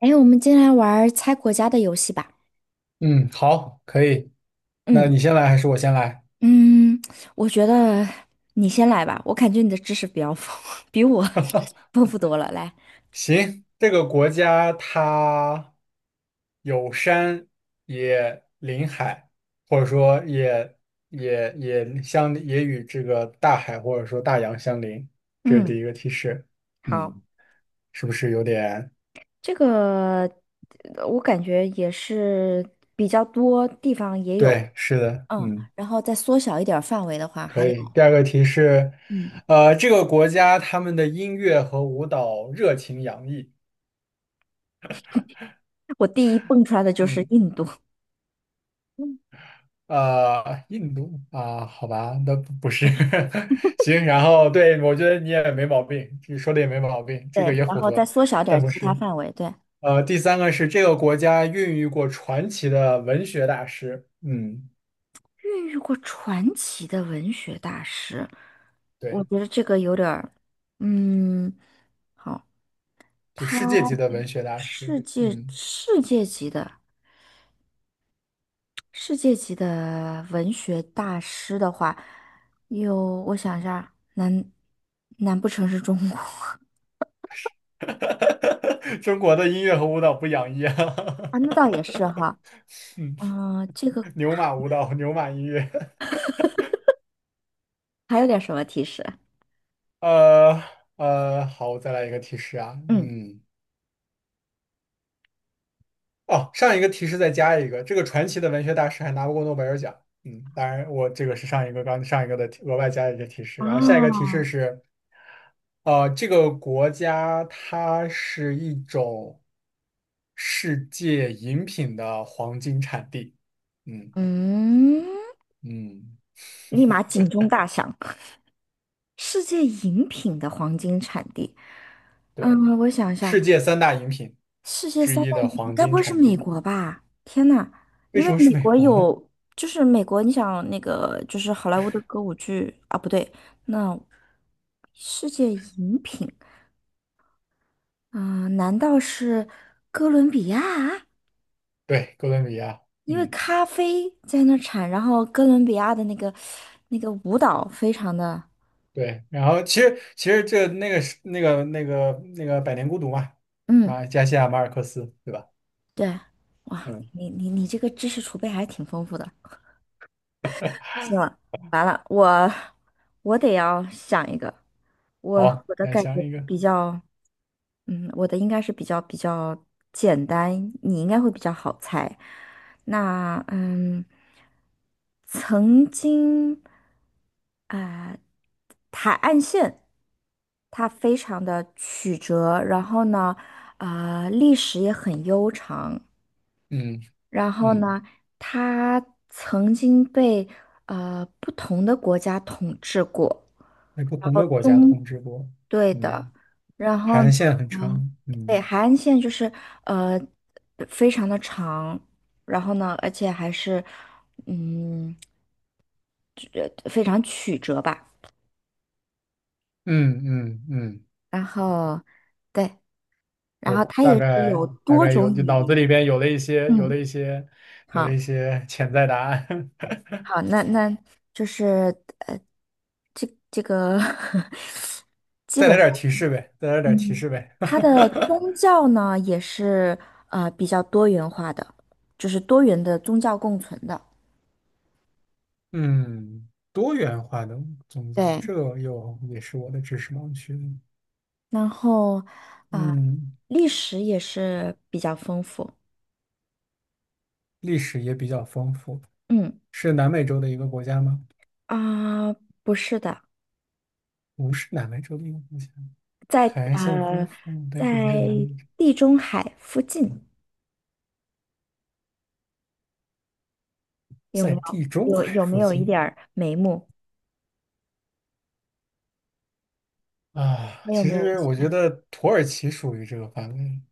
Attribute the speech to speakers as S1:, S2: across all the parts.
S1: 哎，我们今天来玩儿猜国家的游戏吧。
S2: 嗯，好，可以。那
S1: 嗯
S2: 你先来还是我先来？
S1: 嗯，我觉得你先来吧，我感觉你的知识比较丰，比我 丰富多了。来，
S2: 行，这个国家它有山也临海，或者说也与这个大海或者说大洋相邻，这是
S1: 嗯，
S2: 第一个提示。
S1: 好，
S2: 嗯，是不是有点？
S1: 这个我感觉也是比较多地方也有，
S2: 对，是的，
S1: 嗯，
S2: 嗯，
S1: 然后再缩小一点儿范围的话，
S2: 可
S1: 还有，
S2: 以。第二个提示，
S1: 嗯，
S2: 这个国家他们的音乐和舞蹈热情洋溢。
S1: 我第一蹦出来的就是
S2: 嗯。
S1: 印度，嗯，
S2: 印度啊，好吧，那不是，行，然后对，我觉得你也没毛病，你说的也没毛病，这个
S1: 对，
S2: 也
S1: 然
S2: 符
S1: 后再
S2: 合，
S1: 缩小点儿
S2: 但不
S1: 其他
S2: 是。
S1: 范围，对，
S2: 第三个是这个国家孕育过传奇的文学大师，嗯，
S1: 孕育过传奇的文学大师，我
S2: 对，
S1: 觉得这个有点儿，嗯，好，
S2: 就
S1: 他
S2: 世界级的文学大师，
S1: 世界
S2: 嗯，
S1: 世界级的世界级的文学大师的话，有我想一下，难不成是中国
S2: 中国的音乐和舞蹈不养一啊，
S1: 啊？那倒也是哈，嗯，这个
S2: 牛马舞蹈，牛马音乐，
S1: 还有点什么提示？
S2: 呃好，我再来一个提示啊，
S1: 嗯，
S2: 嗯。哦，上一个提示再加一个，这个传奇的文学大师还拿不过诺贝尔奖。嗯，当然，我这个是上一个刚上一个的提额外加的一个提示，然后下一个提
S1: 啊，
S2: 示是，这个国家它是一种世界饮品的黄金产地。嗯
S1: 嗯，
S2: 嗯，
S1: 立马警钟大响。世界饮品的黄金产地。
S2: 对，
S1: 嗯，我想一下，
S2: 世界三大饮品
S1: 世界
S2: 之
S1: 三大
S2: 一的
S1: 饮品
S2: 黄
S1: 该不
S2: 金
S1: 会是
S2: 产
S1: 美
S2: 地，
S1: 国吧？天呐，
S2: 为
S1: 因为
S2: 什么
S1: 美
S2: 是美
S1: 国
S2: 国呢？
S1: 有，就是美国，你想那个就是好莱坞的歌舞剧啊，不对，那世界饮品啊，难道是哥伦比亚？
S2: 对，哥伦比亚。
S1: 因为
S2: 嗯。
S1: 咖啡在那儿产，然后哥伦比亚的那个舞蹈非常的，
S2: 对，然后其实这那个是那个《百年孤独》嘛，
S1: 嗯，
S2: 马加西亚马尔克斯，对吧？
S1: 对，哇，
S2: 嗯，
S1: 你这个知识储备还挺丰富的。行了，完了，我得要想一个，我
S2: 好，
S1: 我的
S2: 来
S1: 感觉
S2: 想一个，
S1: 比较，嗯，我的应该是比较简单，你应该会比较好猜。那嗯，曾经啊、海岸线它非常的曲折，然后呢，啊、历史也很悠长，
S2: 嗯
S1: 然后
S2: 嗯，
S1: 呢，他曾经被不同的国家统治过，
S2: 在不
S1: 然
S2: 同
S1: 后
S2: 的国家统
S1: 中，
S2: 治过，
S1: 对的，
S2: 嗯，
S1: 然
S2: 海
S1: 后呢
S2: 岸线很
S1: 嗯，
S2: 长，
S1: 对，
S2: 嗯
S1: 海岸线就是呃非常的长，然后呢，而且还是嗯非常曲折吧，
S2: 嗯嗯嗯，
S1: 然后对，然
S2: 我
S1: 后它
S2: 大
S1: 也是
S2: 概
S1: 有
S2: 大
S1: 多
S2: 概有
S1: 种语
S2: 脑子里
S1: 言，
S2: 边有了一些
S1: 嗯，好。
S2: 潜在答案，
S1: 好，那就是呃，这个 基
S2: 再来
S1: 本上
S2: 点提示呗，再来点提示呗，
S1: 它的 宗教呢也是比较多元化的，就是多元的宗教共存的。
S2: 嗯，多元化的宗教，
S1: 对，
S2: 这个又也是我的知识盲区了
S1: 然后啊，
S2: 嗯，
S1: 历史也是比较丰富。
S2: 历史也比较丰富，
S1: 嗯
S2: 是南美洲的一个国家吗？
S1: 啊，不是的，
S2: 不是南美洲的一个国家，
S1: 在
S2: 海岸线丰
S1: 呃
S2: 富，但
S1: 在
S2: 是不是南美洲，
S1: 地中海附近有没
S2: 在
S1: 有
S2: 地中
S1: 有
S2: 海
S1: 有没
S2: 附
S1: 有一
S2: 近
S1: 点儿眉目？
S2: 啊。
S1: 还有
S2: 其
S1: 没有一
S2: 实
S1: 些？
S2: 我觉得土耳其属于这个范围，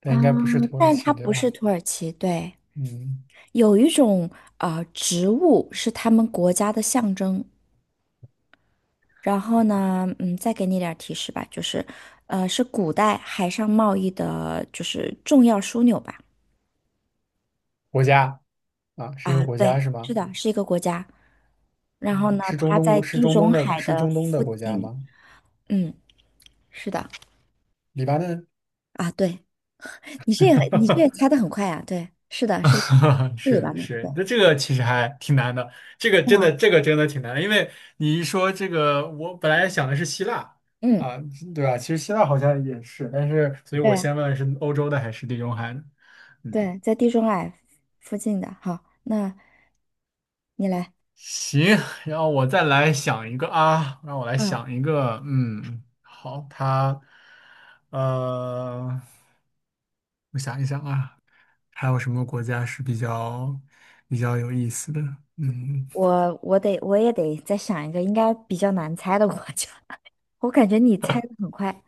S2: 但
S1: 啊，
S2: 应该不是土耳
S1: 但它
S2: 其，对
S1: 不是
S2: 吧？
S1: 土耳其，对，
S2: 嗯，
S1: 有一种植物是他们国家的象征。然后呢，嗯，再给你点儿提示吧，就是，是古代海上贸易的，就是重要枢纽吧。
S2: 国家啊，是一个
S1: 啊，
S2: 国家
S1: 对，
S2: 是
S1: 是
S2: 吗？
S1: 的，是一个国家。然后呢，
S2: 是中
S1: 它
S2: 东
S1: 在
S2: 国是
S1: 地
S2: 中东
S1: 中
S2: 的，
S1: 海
S2: 是
S1: 的
S2: 中东的
S1: 附
S2: 国家
S1: 近。
S2: 吗？
S1: 嗯，是的。
S2: 黎巴嫩。
S1: 啊，对，你这也 猜的很快啊。对，是的，是 是
S2: 是
S1: 吧对，
S2: 是，那这个其实还挺难的，这个
S1: 是
S2: 真的
S1: 吗？
S2: 这个真的挺难的，因为你一说这个，我本来想的是希腊
S1: 嗯，
S2: 啊，对吧？其实希腊好像也是，但是所以我
S1: 对。
S2: 先问的是欧洲的还是地中海的？嗯，
S1: 对，在地中海附近的。好，那你来。
S2: 行，然后我再来想一个啊，让我来
S1: 嗯，
S2: 想一个，嗯，好，它，呃，我想一想啊，还有什么国家是比较有意思的？嗯。
S1: 我也得再想一个应该比较难猜的国家。我感觉你猜的很快。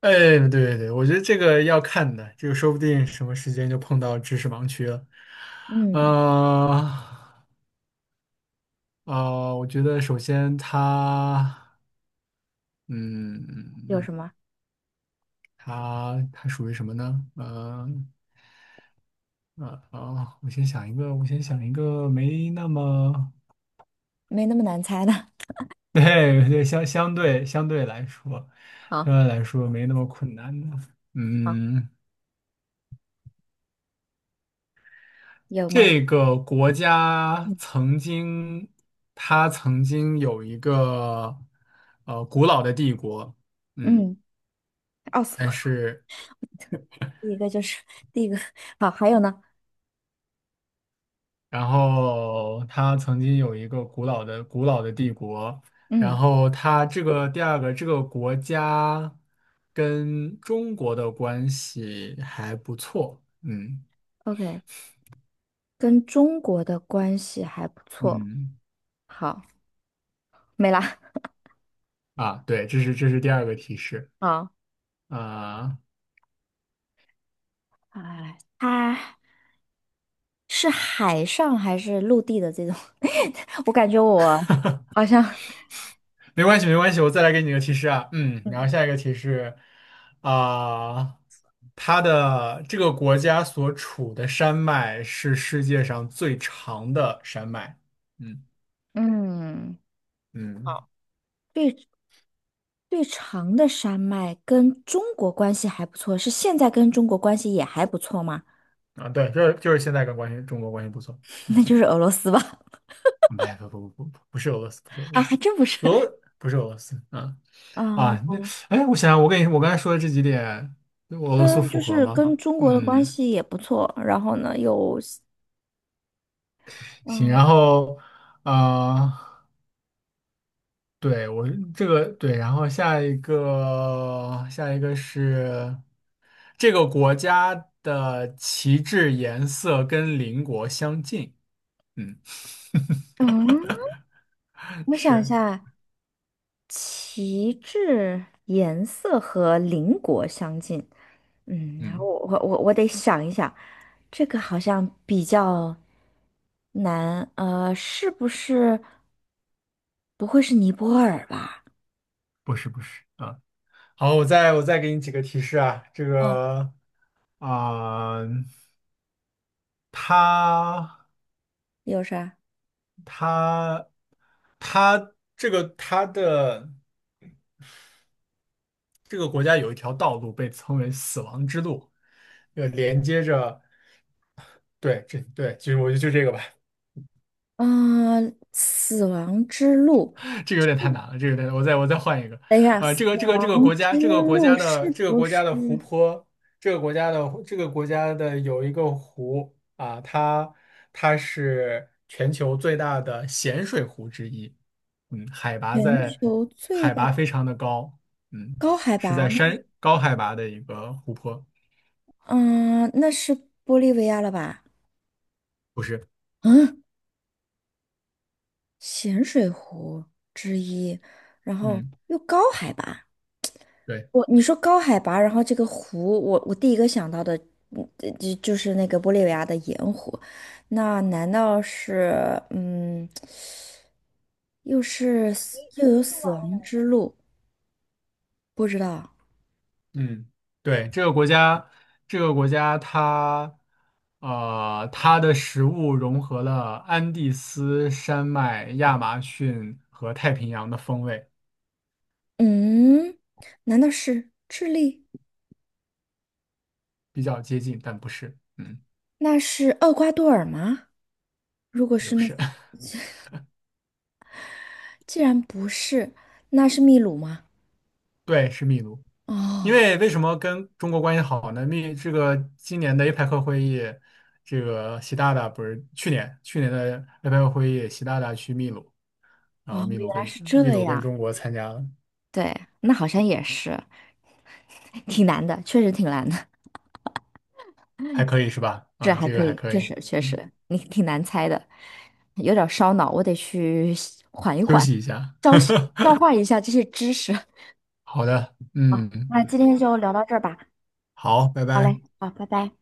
S2: 哎，对对对，我觉得这个要看的，这个说不定什么时间就碰到知识盲区了。
S1: 嗯，
S2: 啊我觉得首先它，
S1: 有
S2: 嗯，
S1: 什么？
S2: 它属于什么呢？哦我先想一个，我先想一个没那么，
S1: 没那么难猜的。
S2: 对对，相对来说，
S1: 好，
S2: 相对来说没那么困难的。
S1: 好，
S2: 嗯，
S1: 有吗？
S2: 这个国家
S1: 嗯，
S2: 曾经，它曾经有一个古老的帝国，嗯，
S1: 嗯，奥斯
S2: 但
S1: 曼，
S2: 是
S1: 第一个就是第一个。好，还有呢？
S2: 然后它曾经有一个古老的帝国，然
S1: 嗯
S2: 后它这个第二个这个国家跟中国的关系还不错，嗯
S1: ，OK，跟中国的关系还不错。
S2: 嗯
S1: 好，没了。
S2: 啊，对，这是第二个提示
S1: 好，
S2: 啊。
S1: 哎，啊。是海上还是陆地的这种？我感觉我好像
S2: 没关系，没关系，我再来给你个提示啊。嗯，然
S1: 嗯
S2: 后下一个提示啊，它的这个国家所处的山脉是世界上最长的山脉。嗯
S1: 嗯，
S2: 嗯
S1: 最最长的山脉跟中国关系还不错，是现在跟中国关系也还不错吗？
S2: 啊，对，就是现在跟关系中国关系不错。
S1: 那
S2: 嗯，
S1: 就是俄罗斯吧？
S2: 没不不不不不是俄罗斯，不是俄
S1: 啊，
S2: 罗
S1: 还
S2: 斯，
S1: 真不是。
S2: 俄不是俄罗斯啊
S1: 嗯，
S2: 啊那哎，我想想，我跟你我刚才说的这几点，俄罗斯
S1: 跟
S2: 符
S1: 就
S2: 合
S1: 是
S2: 吗？
S1: 跟中国的关
S2: 嗯，
S1: 系也不错，然后呢有，
S2: 行，
S1: 嗯
S2: 然后啊。对，我这个对，然后下一个是这个国家的旗帜颜色跟邻国相近。嗯，
S1: 嗯，我想一
S2: 是，
S1: 下，旗帜颜色和邻国相近，嗯，然后
S2: 嗯，
S1: 我得想一想，这个好像比较难，是不是不会是尼泊尔吧？
S2: 不是啊。好，我再给你几个提示啊。这
S1: 嗯，
S2: 个啊，它
S1: 有啥？
S2: 它它这个它的这个国家有一条道路被称为死亡之路，连接着对这对，就是我就就这个吧。
S1: 嗯、死亡之路，
S2: 这个有点太难了，这个有点，我再换一个，
S1: 等一下，死
S2: 这个
S1: 亡
S2: 国家，
S1: 之
S2: 这个国
S1: 路
S2: 家的
S1: 是
S2: 这个
S1: 不
S2: 国
S1: 是
S2: 家的湖泊，这个国家的有一个湖啊，它它是全球最大的咸水湖之一，嗯，海拔
S1: 全
S2: 在
S1: 球最
S2: 海拔
S1: 大
S2: 非常的高，嗯，
S1: 高海
S2: 是
S1: 拔
S2: 在
S1: 呢
S2: 山高海拔的一个湖泊，
S1: 嗯、那是玻利维亚了吧？
S2: 不是，
S1: 嗯，咸水湖之一，然后
S2: 嗯。
S1: 又高海拔。
S2: 对。
S1: 你说高海拔，然后这个湖，我第一个想到的，嗯，就是那个玻利维亚的盐湖，那难道是又有死亡之路？不知道，
S2: 嗯，对，这个国家，这个国家它，它的食物融合了安第斯山脉、亚马逊和太平洋的风味，
S1: 嗯，难道是智利？
S2: 比较接近，但不是，嗯，
S1: 那是厄瓜多尔吗？如果
S2: 也
S1: 是
S2: 不
S1: 那，
S2: 是，
S1: 既然不是，那是秘鲁吗？
S2: 对，是秘鲁。因
S1: 哦，
S2: 为为什么跟中国关系好呢？秘这个今年的 APEC 会议，这个习大大不是去年的 APEC 会议，习大大去秘鲁，然后
S1: 哦，
S2: 秘
S1: 原
S2: 鲁
S1: 来
S2: 跟
S1: 是
S2: 秘
S1: 这
S2: 鲁跟
S1: 样，
S2: 中国参加了，
S1: 对，那好像也是，挺难的，确实挺难的。
S2: 还 可以是吧？
S1: 这
S2: 啊，
S1: 还
S2: 这个
S1: 可
S2: 还
S1: 以，
S2: 可
S1: 确
S2: 以。
S1: 实确
S2: 嗯。
S1: 实，你挺难猜的，有点儿烧脑，我得去缓一
S2: 休
S1: 缓，
S2: 息一下。
S1: 消消 化一下这些知识。
S2: 好的，
S1: 好，
S2: 嗯，
S1: 那今天就聊到这儿吧。
S2: 好，拜
S1: 好
S2: 拜。
S1: 嘞，好，拜拜。